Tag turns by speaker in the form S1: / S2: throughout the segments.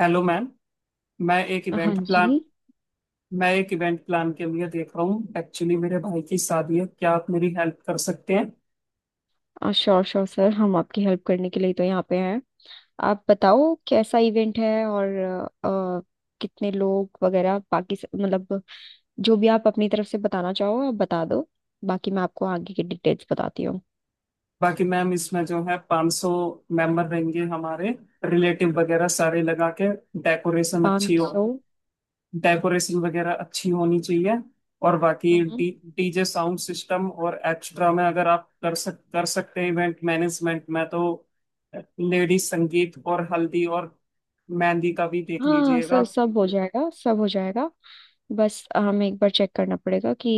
S1: Hello ma'am. मैं एक
S2: हाँ
S1: इवेंट प्लान
S2: जी।
S1: मैं एक इवेंट प्लान के लिए देख रहा हूँ। एक्चुअली मेरे भाई की शादी है, क्या आप मेरी हेल्प कर सकते हैं?
S2: श्योर श्योर सर, हम आपकी हेल्प करने के लिए तो यहाँ पे हैं। आप बताओ कैसा इवेंट है, और अ, अ, कितने लोग वगैरह बाकी मतलब जो भी आप अपनी तरफ से बताना चाहो, आप बता दो। बाकी मैं आपको आगे की डिटेल्स बताती हूँ।
S1: बाकी मैम इसमें जो है 500 मेंबर रहेंगे हमारे, रिलेटिव वगैरह सारे लगा के। डेकोरेशन अच्छी
S2: पाँच
S1: हो,
S2: सौ।
S1: डेकोरेशन वगैरह अच्छी होनी चाहिए। और बाकी
S2: हम्म।
S1: डी डीजे साउंड सिस्टम, और एक्स्ट्रा में अगर आप कर सकते हैं इवेंट मैनेजमेंट में, तो लेडीज संगीत और हल्दी और मेहंदी का भी देख
S2: हाँ
S1: लीजिएगा।
S2: सर, सब हो जाएगा सब हो जाएगा। बस हमें एक बार चेक करना पड़ेगा कि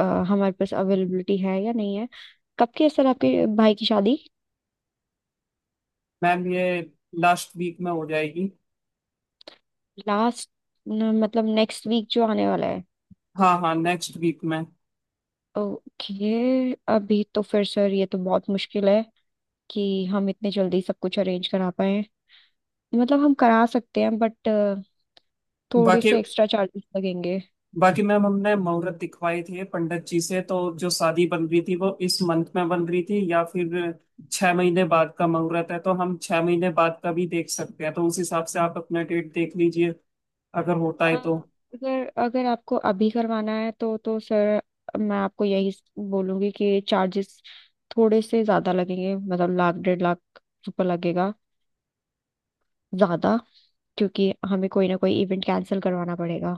S2: हमारे पास अवेलेबिलिटी है या नहीं है। कब की है सर आपके भाई की शादी?
S1: मैम ये लास्ट वीक में हो जाएगी।
S2: लास्ट? मतलब नेक्स्ट वीक जो आने वाला है?
S1: हाँ हाँ नेक्स्ट वीक में।
S2: ओके, अभी तो फिर सर ये तो बहुत मुश्किल है कि हम इतने जल्दी सब कुछ अरेंज करा पाए। मतलब हम करा सकते हैं, बट थोड़े
S1: बाकी
S2: से एक्स्ट्रा चार्जेस लगेंगे।
S1: बाकी मैम हमने मुहूर्त दिखवाए थे पंडित जी से, तो जो शादी बन रही थी वो इस मंथ में बन रही थी या फिर 6 महीने बाद का मुहूर्त है। तो हम 6 महीने बाद का भी देख सकते हैं, तो उस हिसाब से आप अपना डेट देख लीजिए अगर होता
S2: अ,
S1: है तो।
S2: अगर अगर आपको अभी करवाना है तो सर, मैं आपको यही बोलूंगी कि चार्जेस थोड़े से ज्यादा लगेंगे। मतलब लाख डेढ़ लाख रुपए लगेगा ज्यादा। क्योंकि हमें कोई ना कोई इवेंट कैंसिल करवाना पड़ेगा।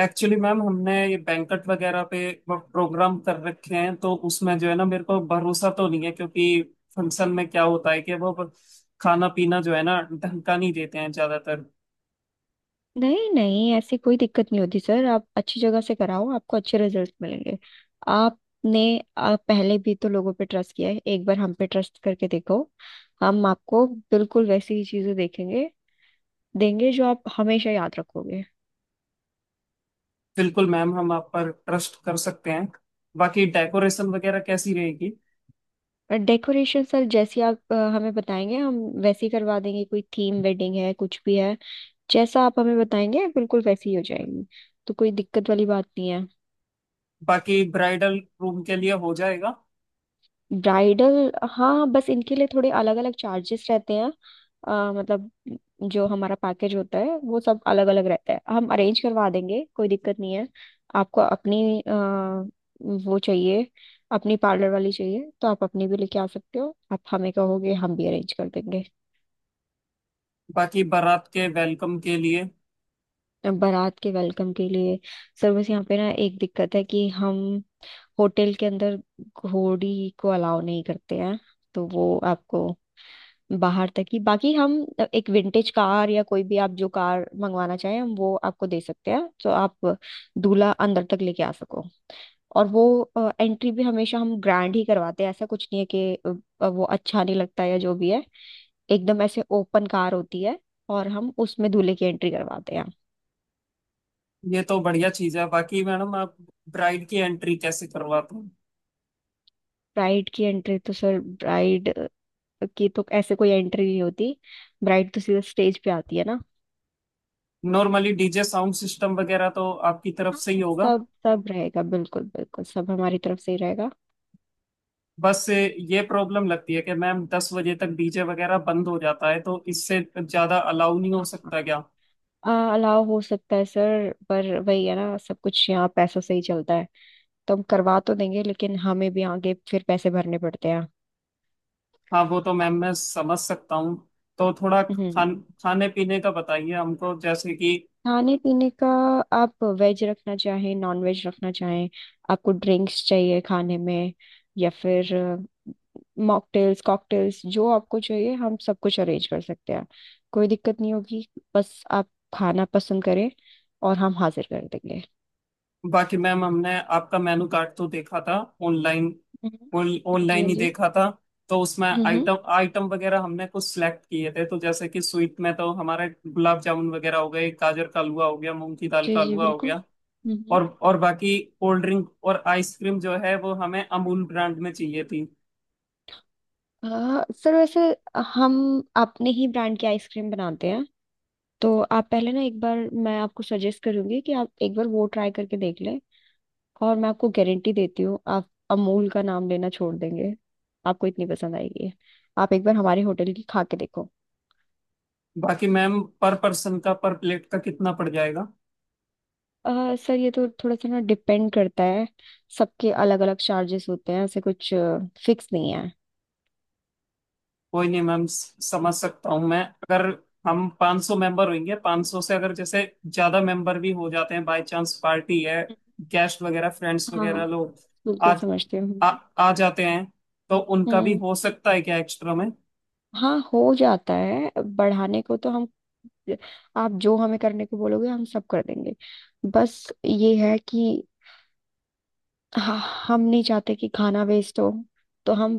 S1: एक्चुअली मैम हमने ये बैंकट वगैरह पे प्रोग्राम कर रखे हैं, तो उसमें जो है ना मेरे को भरोसा तो नहीं है, क्योंकि फंक्शन में क्या होता है कि वो खाना पीना जो है ना ढंग का नहीं देते हैं ज्यादातर।
S2: नहीं नहीं, ऐसी कोई दिक्कत नहीं होती सर। आप अच्छी जगह से कराओ, आपको अच्छे रिजल्ट मिलेंगे। आपने आप पहले भी तो लोगों पे ट्रस्ट किया है, एक बार हम पे ट्रस्ट करके देखो। हम आपको बिल्कुल वैसी ही चीजें देखेंगे देंगे जो आप हमेशा याद रखोगे।
S1: बिल्कुल मैम, हम आप पर ट्रस्ट कर सकते हैं। बाकी डेकोरेशन वगैरह कैसी रहेगी?
S2: और डेकोरेशन सर, जैसी आप हमें बताएंगे हम वैसी करवा देंगे। कोई थीम वेडिंग है कुछ भी है, जैसा आप हमें बताएंगे बिल्कुल वैसी ही हो जाएगी। तो कोई दिक्कत वाली बात नहीं है।
S1: बाकी ब्राइडल रूम के लिए हो जाएगा?
S2: ब्राइडल, हाँ, बस इनके लिए थोड़े अलग अलग चार्जेस रहते हैं। मतलब जो हमारा पैकेज होता है वो सब अलग अलग रहता है। हम अरेंज करवा देंगे, कोई दिक्कत नहीं है। आपको अपनी वो चाहिए, अपनी पार्लर वाली चाहिए तो आप अपनी भी लेके आ सकते हो। आप हमें कहोगे हम भी अरेंज कर देंगे।
S1: बाकी बारात के वेलकम के लिए?
S2: बारात के वेलकम के लिए। सर बस यहाँ पे ना एक दिक्कत है कि हम होटल के अंदर घोड़ी को अलाउ नहीं करते हैं, तो वो आपको बाहर तक ही। बाकी हम एक विंटेज कार या कोई भी आप जो कार मंगवाना चाहें हम वो आपको दे सकते हैं, तो आप दूल्हा अंदर तक लेके आ सको। और वो एंट्री भी हमेशा हम ग्रैंड ही करवाते हैं, ऐसा कुछ नहीं है कि वो अच्छा नहीं लगता या जो भी है। एकदम ऐसे ओपन कार होती है और हम उसमें दूल्हे की एंट्री करवाते हैं।
S1: ये तो बढ़िया चीज है। बाकी मैडम आप ब्राइड की एंट्री कैसे करवाते हो?
S2: ब्राइड की एंट्री तो सर, ब्राइड की तो ऐसे कोई एंट्री नहीं होती। ब्राइड तो सीधा स्टेज पे आती है ना।
S1: नॉर्मली डीजे साउंड सिस्टम वगैरह तो आपकी तरफ से ही
S2: हाँ,
S1: होगा।
S2: सब सब रहेगा। बिल्कुल बिल्कुल सब हमारी तरफ से ही रहेगा।
S1: बस ये प्रॉब्लम लगती है कि मैम 10 बजे तक डीजे वगैरह बंद हो जाता है, तो इससे ज्यादा अलाउ नहीं हो
S2: हाँ,
S1: सकता क्या?
S2: अलाव हो सकता है सर, पर वही है ना, सब कुछ यहाँ पैसों से ही चलता है। तो हम करवा तो देंगे लेकिन हमें भी आगे फिर पैसे भरने पड़ते हैं।
S1: हाँ वो तो मैम मैं समझ सकता हूँ। तो थोड़ा
S2: हम्म।
S1: खाने पीने का बताइए हमको, जैसे कि
S2: खाने पीने का, आप वेज रखना चाहें नॉन वेज रखना चाहें, आपको ड्रिंक्स चाहिए खाने में, या फिर मॉकटेल्स कॉकटेल्स, जो आपको चाहिए हम सब कुछ अरेंज कर सकते हैं। कोई दिक्कत नहीं होगी। बस आप खाना पसंद करें और हम हाजिर कर देंगे।
S1: बाकी मैम हमने आपका मेनू कार्ड तो देखा था। ऑनलाइन
S2: हम्म। हाँ जी,
S1: ऑनलाइन
S2: हाँ
S1: ही
S2: जी।
S1: देखा था। तो उसमें
S2: हम्म।
S1: आइटम आइटम वगैरह हमने कुछ सिलेक्ट किए थे, तो जैसे कि स्वीट में तो हमारे गुलाब जामुन वगैरह हो गए, गाजर का हलवा हो गया, मूंग की दाल
S2: जी
S1: का
S2: जी,
S1: हलवा हो
S2: बिल्कुल।
S1: गया।
S2: हम्म।
S1: और बाकी कोल्ड ड्रिंक और आइसक्रीम जो है वो हमें अमूल ब्रांड में चाहिए थी।
S2: सर वैसे हम अपने ही ब्रांड की आइसक्रीम बनाते हैं। तो आप पहले ना एक बार, मैं आपको सजेस्ट करूंगी कि आप एक बार वो ट्राई करके देख लें, और मैं आपको गारंटी देती हूँ, आप अमूल का नाम लेना छोड़ देंगे, आपको इतनी पसंद आएगी। आप एक बार हमारे होटल की खा के देखो।
S1: बाकी मैम पर पर्सन का, पर प्लेट का कितना पड़ जाएगा?
S2: सर ये तो थोड़ा सा ना डिपेंड करता है। सबके अलग अलग चार्जेस होते हैं, ऐसे कुछ फिक्स नहीं है।
S1: कोई नहीं मैम, समझ सकता हूँ मैं। अगर हम 500 मेंबर होंगे, 500 से अगर जैसे ज्यादा मेंबर भी हो जाते हैं, बाय चांस पार्टी है, गेस्ट वगैरह फ्रेंड्स
S2: हाँ हाँ,
S1: वगैरह लोग
S2: बिल्कुल
S1: आ,
S2: समझती हूँ।
S1: आ जाते हैं, तो उनका भी
S2: हम्म।
S1: हो सकता है क्या एक्स्ट्रा में?
S2: हाँ, हो जाता है। बढ़ाने को तो हम आप जो हमें करने को बोलोगे हम सब कर देंगे। बस ये है कि हाँ, हम नहीं चाहते कि खाना वेस्ट हो, तो हम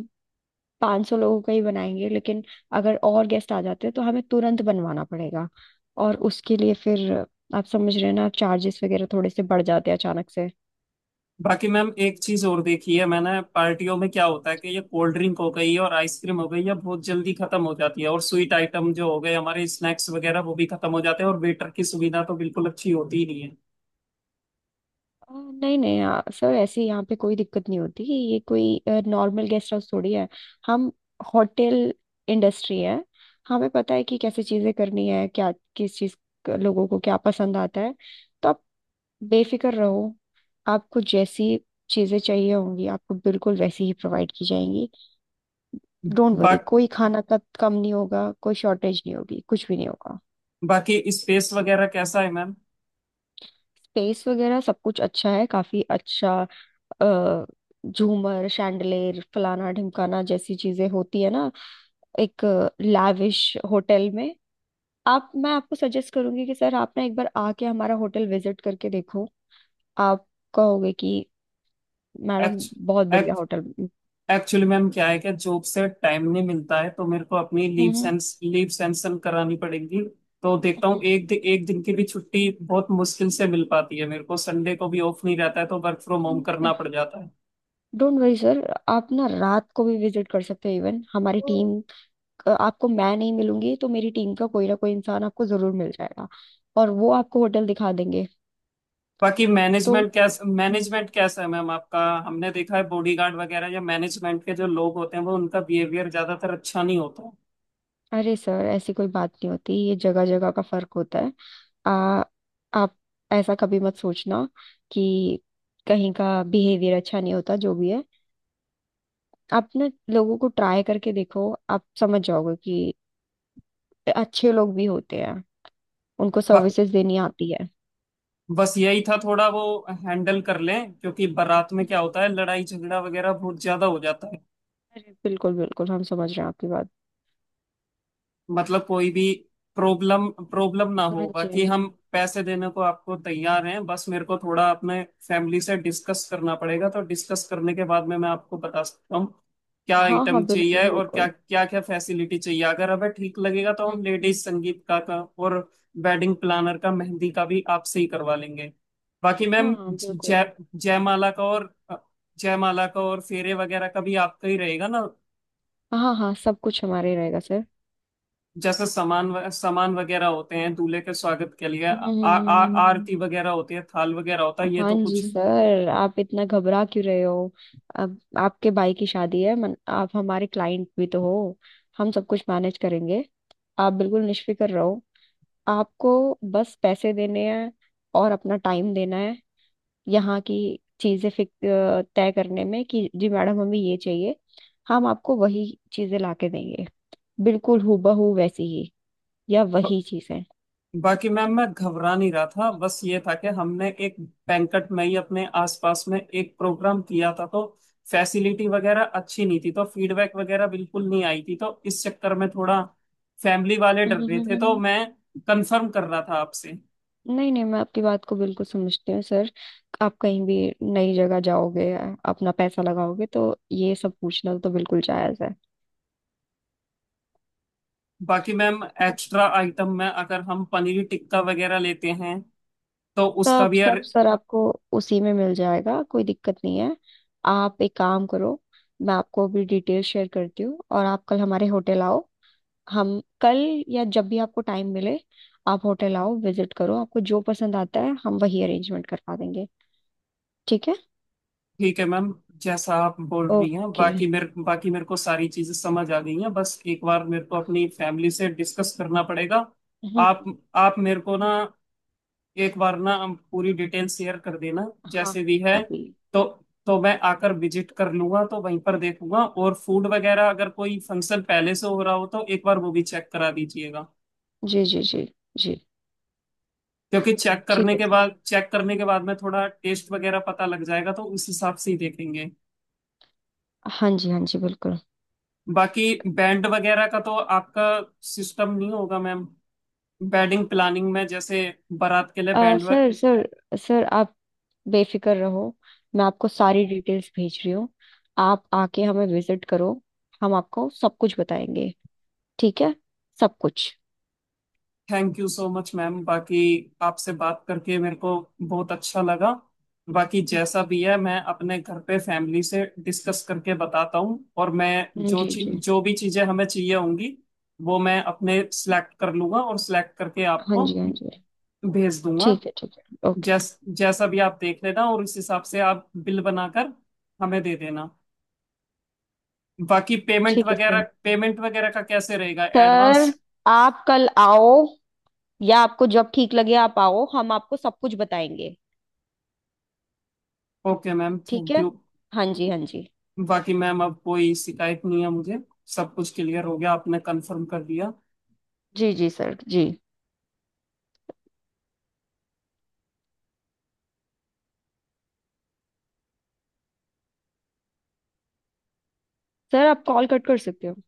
S2: 500 लोगों का ही बनाएंगे, लेकिन अगर और गेस्ट आ जाते हैं तो हमें तुरंत बनवाना पड़ेगा। और उसके लिए फिर, आप समझ रहे हैं ना, चार्जेस वगैरह थोड़े से बढ़ जाते हैं अचानक से।
S1: बाकी मैम एक चीज और देखी है मैंने, पार्टियों में क्या होता है कि ये कोल्ड ड्रिंक हो गई और आइसक्रीम हो गई, ये बहुत जल्दी खत्म हो जाती है, और स्वीट आइटम जो हो गए हमारे, स्नैक्स वगैरह वो भी खत्म हो जाते हैं, और वेटर की सुविधा तो बिल्कुल अच्छी होती ही नहीं है।
S2: नहीं नहीं, सर ऐसे यहाँ पे कोई दिक्कत नहीं होती। ये कोई नॉर्मल गेस्ट हाउस थोड़ी है, हम होटल इंडस्ट्री है। हमें पता है कि कैसे चीजें करनी है, क्या किस चीज, लोगों को क्या पसंद आता है। तो आप बेफिक्र रहो, आपको जैसी चीजें चाहिए होंगी आपको बिल्कुल वैसी ही प्रोवाइड की जाएंगी। डोंट
S1: बा,
S2: वरी, कोई खाना का कम नहीं होगा, कोई शॉर्टेज नहीं होगी, कुछ भी नहीं होगा।
S1: बाकी स्पेस वगैरह कैसा है मैम?
S2: स्पेस वगैरह सब कुछ अच्छा है, काफी अच्छा। अ, झूमर शैंडलेर फलाना ढिमकाना जैसी चीजें होती है ना एक लैविश होटल में। आप मैं आपको सजेस्ट करूंगी कि सर आप ना एक बार आके हमारा होटल विजिट करके देखो। आप कहोगे कि मैडम,
S1: एक्च,
S2: बहुत बढ़िया
S1: एक्च,
S2: होटल।
S1: एक्चुअली मैम क्या है कि जॉब से टाइम नहीं मिलता है, तो मेरे को अपनी
S2: हम्म
S1: लीव सैंक्शन करानी पड़ेगी। तो देखता हूँ,
S2: हम्म।
S1: एक दिन की भी छुट्टी बहुत मुश्किल से मिल पाती है, मेरे को संडे को भी ऑफ नहीं रहता है, तो वर्क फ्रॉम होम करना पड़ जाता है।
S2: डोंट वरी सर, आप ना रात को भी विजिट कर सकते हो। इवन हमारी टीम, आपको मैं नहीं मिलूंगी तो मेरी टीम का कोई ना कोई इंसान आपको जरूर मिल जाएगा, और वो आपको होटल दिखा देंगे।
S1: बाकी
S2: तो हम्म,
S1: मैनेजमेंट कैसा है मैम आपका? हमने देखा है बॉडीगार्ड वगैरह या मैनेजमेंट के जो लोग होते हैं वो, उनका बिहेवियर ज्यादातर अच्छा नहीं होता
S2: अरे सर ऐसी कोई बात नहीं होती, ये जगह जगह का फर्क होता है। आ, आप ऐसा कभी मत सोचना कि कहीं का बिहेवियर अच्छा नहीं होता जो भी है। आप ना लोगों को ट्राई करके देखो, आप समझ जाओगे कि अच्छे लोग भी होते हैं, उनको
S1: है।
S2: सर्विसेज देनी आती है।
S1: बस यही था, थोड़ा वो हैंडल कर लें, क्योंकि बारात में क्या होता है, लड़ाई झगड़ा वगैरह बहुत ज्यादा हो जाता है।
S2: अरे बिल्कुल बिल्कुल, हम समझ रहे हैं आपकी बात।
S1: मतलब कोई भी प्रॉब्लम प्रॉब्लम ना
S2: हाँ
S1: हो।
S2: जी,
S1: बाकी
S2: हाँ जी।
S1: हम पैसे देने को आपको तैयार हैं, बस मेरे को थोड़ा अपने फैमिली से डिस्कस करना पड़ेगा, तो डिस्कस करने के बाद में मैं आपको बता सकता हूँ क्या
S2: हाँ
S1: आइटम
S2: हाँ बिल्कुल
S1: चाहिए और क्या
S2: बिल्कुल।
S1: क्या क्या फैसिलिटी चाहिए। अगर हमें ठीक लगेगा तो हम
S2: हम्म।
S1: लेडीज संगीत का और वेडिंग प्लानर का, मेहंदी का भी आपसे ही करवा लेंगे। बाकी मैम
S2: हाँ हाँ बिल्कुल।
S1: जय जयमाला का और फेरे वगैरह का भी आपका ही रहेगा ना?
S2: हाँ हाँ, सब कुछ हमारे रहेगा सर।
S1: जैसे सामान सामान वगैरह होते हैं दूल्हे के स्वागत के लिए, आ, आ,
S2: हम्म।
S1: आ-
S2: हम्म।
S1: आरती वगैरह होती है, थाल वगैरह होता है, ये
S2: हाँ
S1: तो
S2: जी
S1: कुछ
S2: सर, आप इतना घबरा क्यों रहे हो? अब आपके भाई की शादी है मन, आप हमारे क्लाइंट भी तो हो। हम सब कुछ मैनेज करेंगे, आप बिल्कुल निश्फिक्र रहो। आपको बस पैसे देने हैं, और अपना टाइम देना है यहाँ की चीज़ें तय करने में, कि जी मैडम, हमें ये चाहिए। हम आपको वही चीज़ें ला के देंगे, बिल्कुल हूबहू वैसी ही, या
S1: ब,
S2: वही चीज़ें।
S1: बाकी मैम मैं घबरा नहीं रहा था, बस ये था कि हमने एक बैंकट में ही अपने आसपास में एक प्रोग्राम किया था, तो फैसिलिटी वगैरह अच्छी नहीं थी, तो फीडबैक वगैरह बिल्कुल नहीं आई थी, तो इस चक्कर में थोड़ा फैमिली वाले डर रहे थे, तो मैं कंफर्म कर रहा था आपसे।
S2: नहीं नहीं, मैं आपकी बात को बिल्कुल समझती हूँ सर। आप कहीं भी नई जगह जाओगे अपना पैसा लगाओगे, तो ये सब पूछना तो बिल्कुल जायज है।
S1: बाकी मैम एक्स्ट्रा आइटम में अगर हम पनीर टिक्का वगैरह लेते हैं तो उसका
S2: सब
S1: भी?
S2: सब सर, आपको उसी में मिल जाएगा, कोई दिक्कत नहीं है। आप एक काम करो, मैं आपको अभी डिटेल शेयर करती हूँ और आप कल हमारे होटल आओ। हम कल या जब भी आपको टाइम मिले आप होटल आओ, विजिट करो। आपको जो पसंद आता है हम वही अरेंजमेंट करवा देंगे, ठीक है?
S1: ठीक है मैम, जैसा आप बोल रही हैं।
S2: ओके।
S1: बाकी मेरे को सारी चीजें समझ आ गई हैं, बस एक बार मेरे को अपनी फैमिली से डिस्कस करना पड़ेगा। आप
S2: हम्म।
S1: आप मेरे को ना एक बार ना, हम पूरी डिटेल शेयर कर देना
S2: हाँ हाँ।
S1: जैसे भी
S2: मैं
S1: है।
S2: अभी।
S1: तो तो मैं आकर विजिट कर लूंगा, तो वहीं पर देखूंगा, और फूड वगैरह अगर कोई फंक्शन पहले से हो रहा हो तो एक बार वो भी चेक करा दीजिएगा।
S2: जी जी। जी जी।
S1: क्योंकि
S2: ठीक है सर।
S1: चेक करने के बाद में थोड़ा टेस्ट वगैरह पता लग जाएगा, तो उस हिसाब से ही देखेंगे।
S2: हाँ जी, हाँ जी, बिल्कुल।
S1: बाकी बैंड वगैरह का तो आपका सिस्टम नहीं होगा मैम? वेडिंग प्लानिंग में, जैसे बारात के लिए बैंड।
S2: सर सर सर, आप बेफिक्र रहो। मैं आपको सारी डिटेल्स भेज रही हूँ, आप आके हमें विजिट करो। हम आपको सब कुछ बताएंगे, ठीक है? सब कुछ।
S1: Thank you so much ma'am. बाकी आपसे बात करके मेरे को बहुत अच्छा लगा। बाकी जैसा भी है मैं अपने घर पे फैमिली से डिस्कस करके बताता हूँ, और मैं जो
S2: जी
S1: चीज
S2: जी।
S1: जो भी चीजें हमें चाहिए होंगी वो मैं अपने सिलेक्ट कर लूंगा, और सिलेक्ट करके
S2: हाँ
S1: आपको
S2: जी, हाँ जी।
S1: भेज दूंगा।
S2: ठीक है ठीक है। ओके।
S1: जैसा भी आप देख लेना, और उस हिसाब से आप बिल बनाकर हमें दे देना। बाकी
S2: ठीक है सर।
S1: पेमेंट वगैरह का कैसे रहेगा, एडवांस?
S2: सर, आप कल आओ, या आपको जब ठीक लगे आप आओ, हम आपको सब कुछ बताएंगे,
S1: ओके मैम,
S2: ठीक
S1: थैंक
S2: है?
S1: यू।
S2: हाँ जी, हाँ जी।
S1: बाकी मैम अब कोई शिकायत नहीं है मुझे, सब कुछ क्लियर हो गया, आपने कंफर्म कर दिया।
S2: जी जी सर। जी सर, आप कॉल कट कर सकते हो।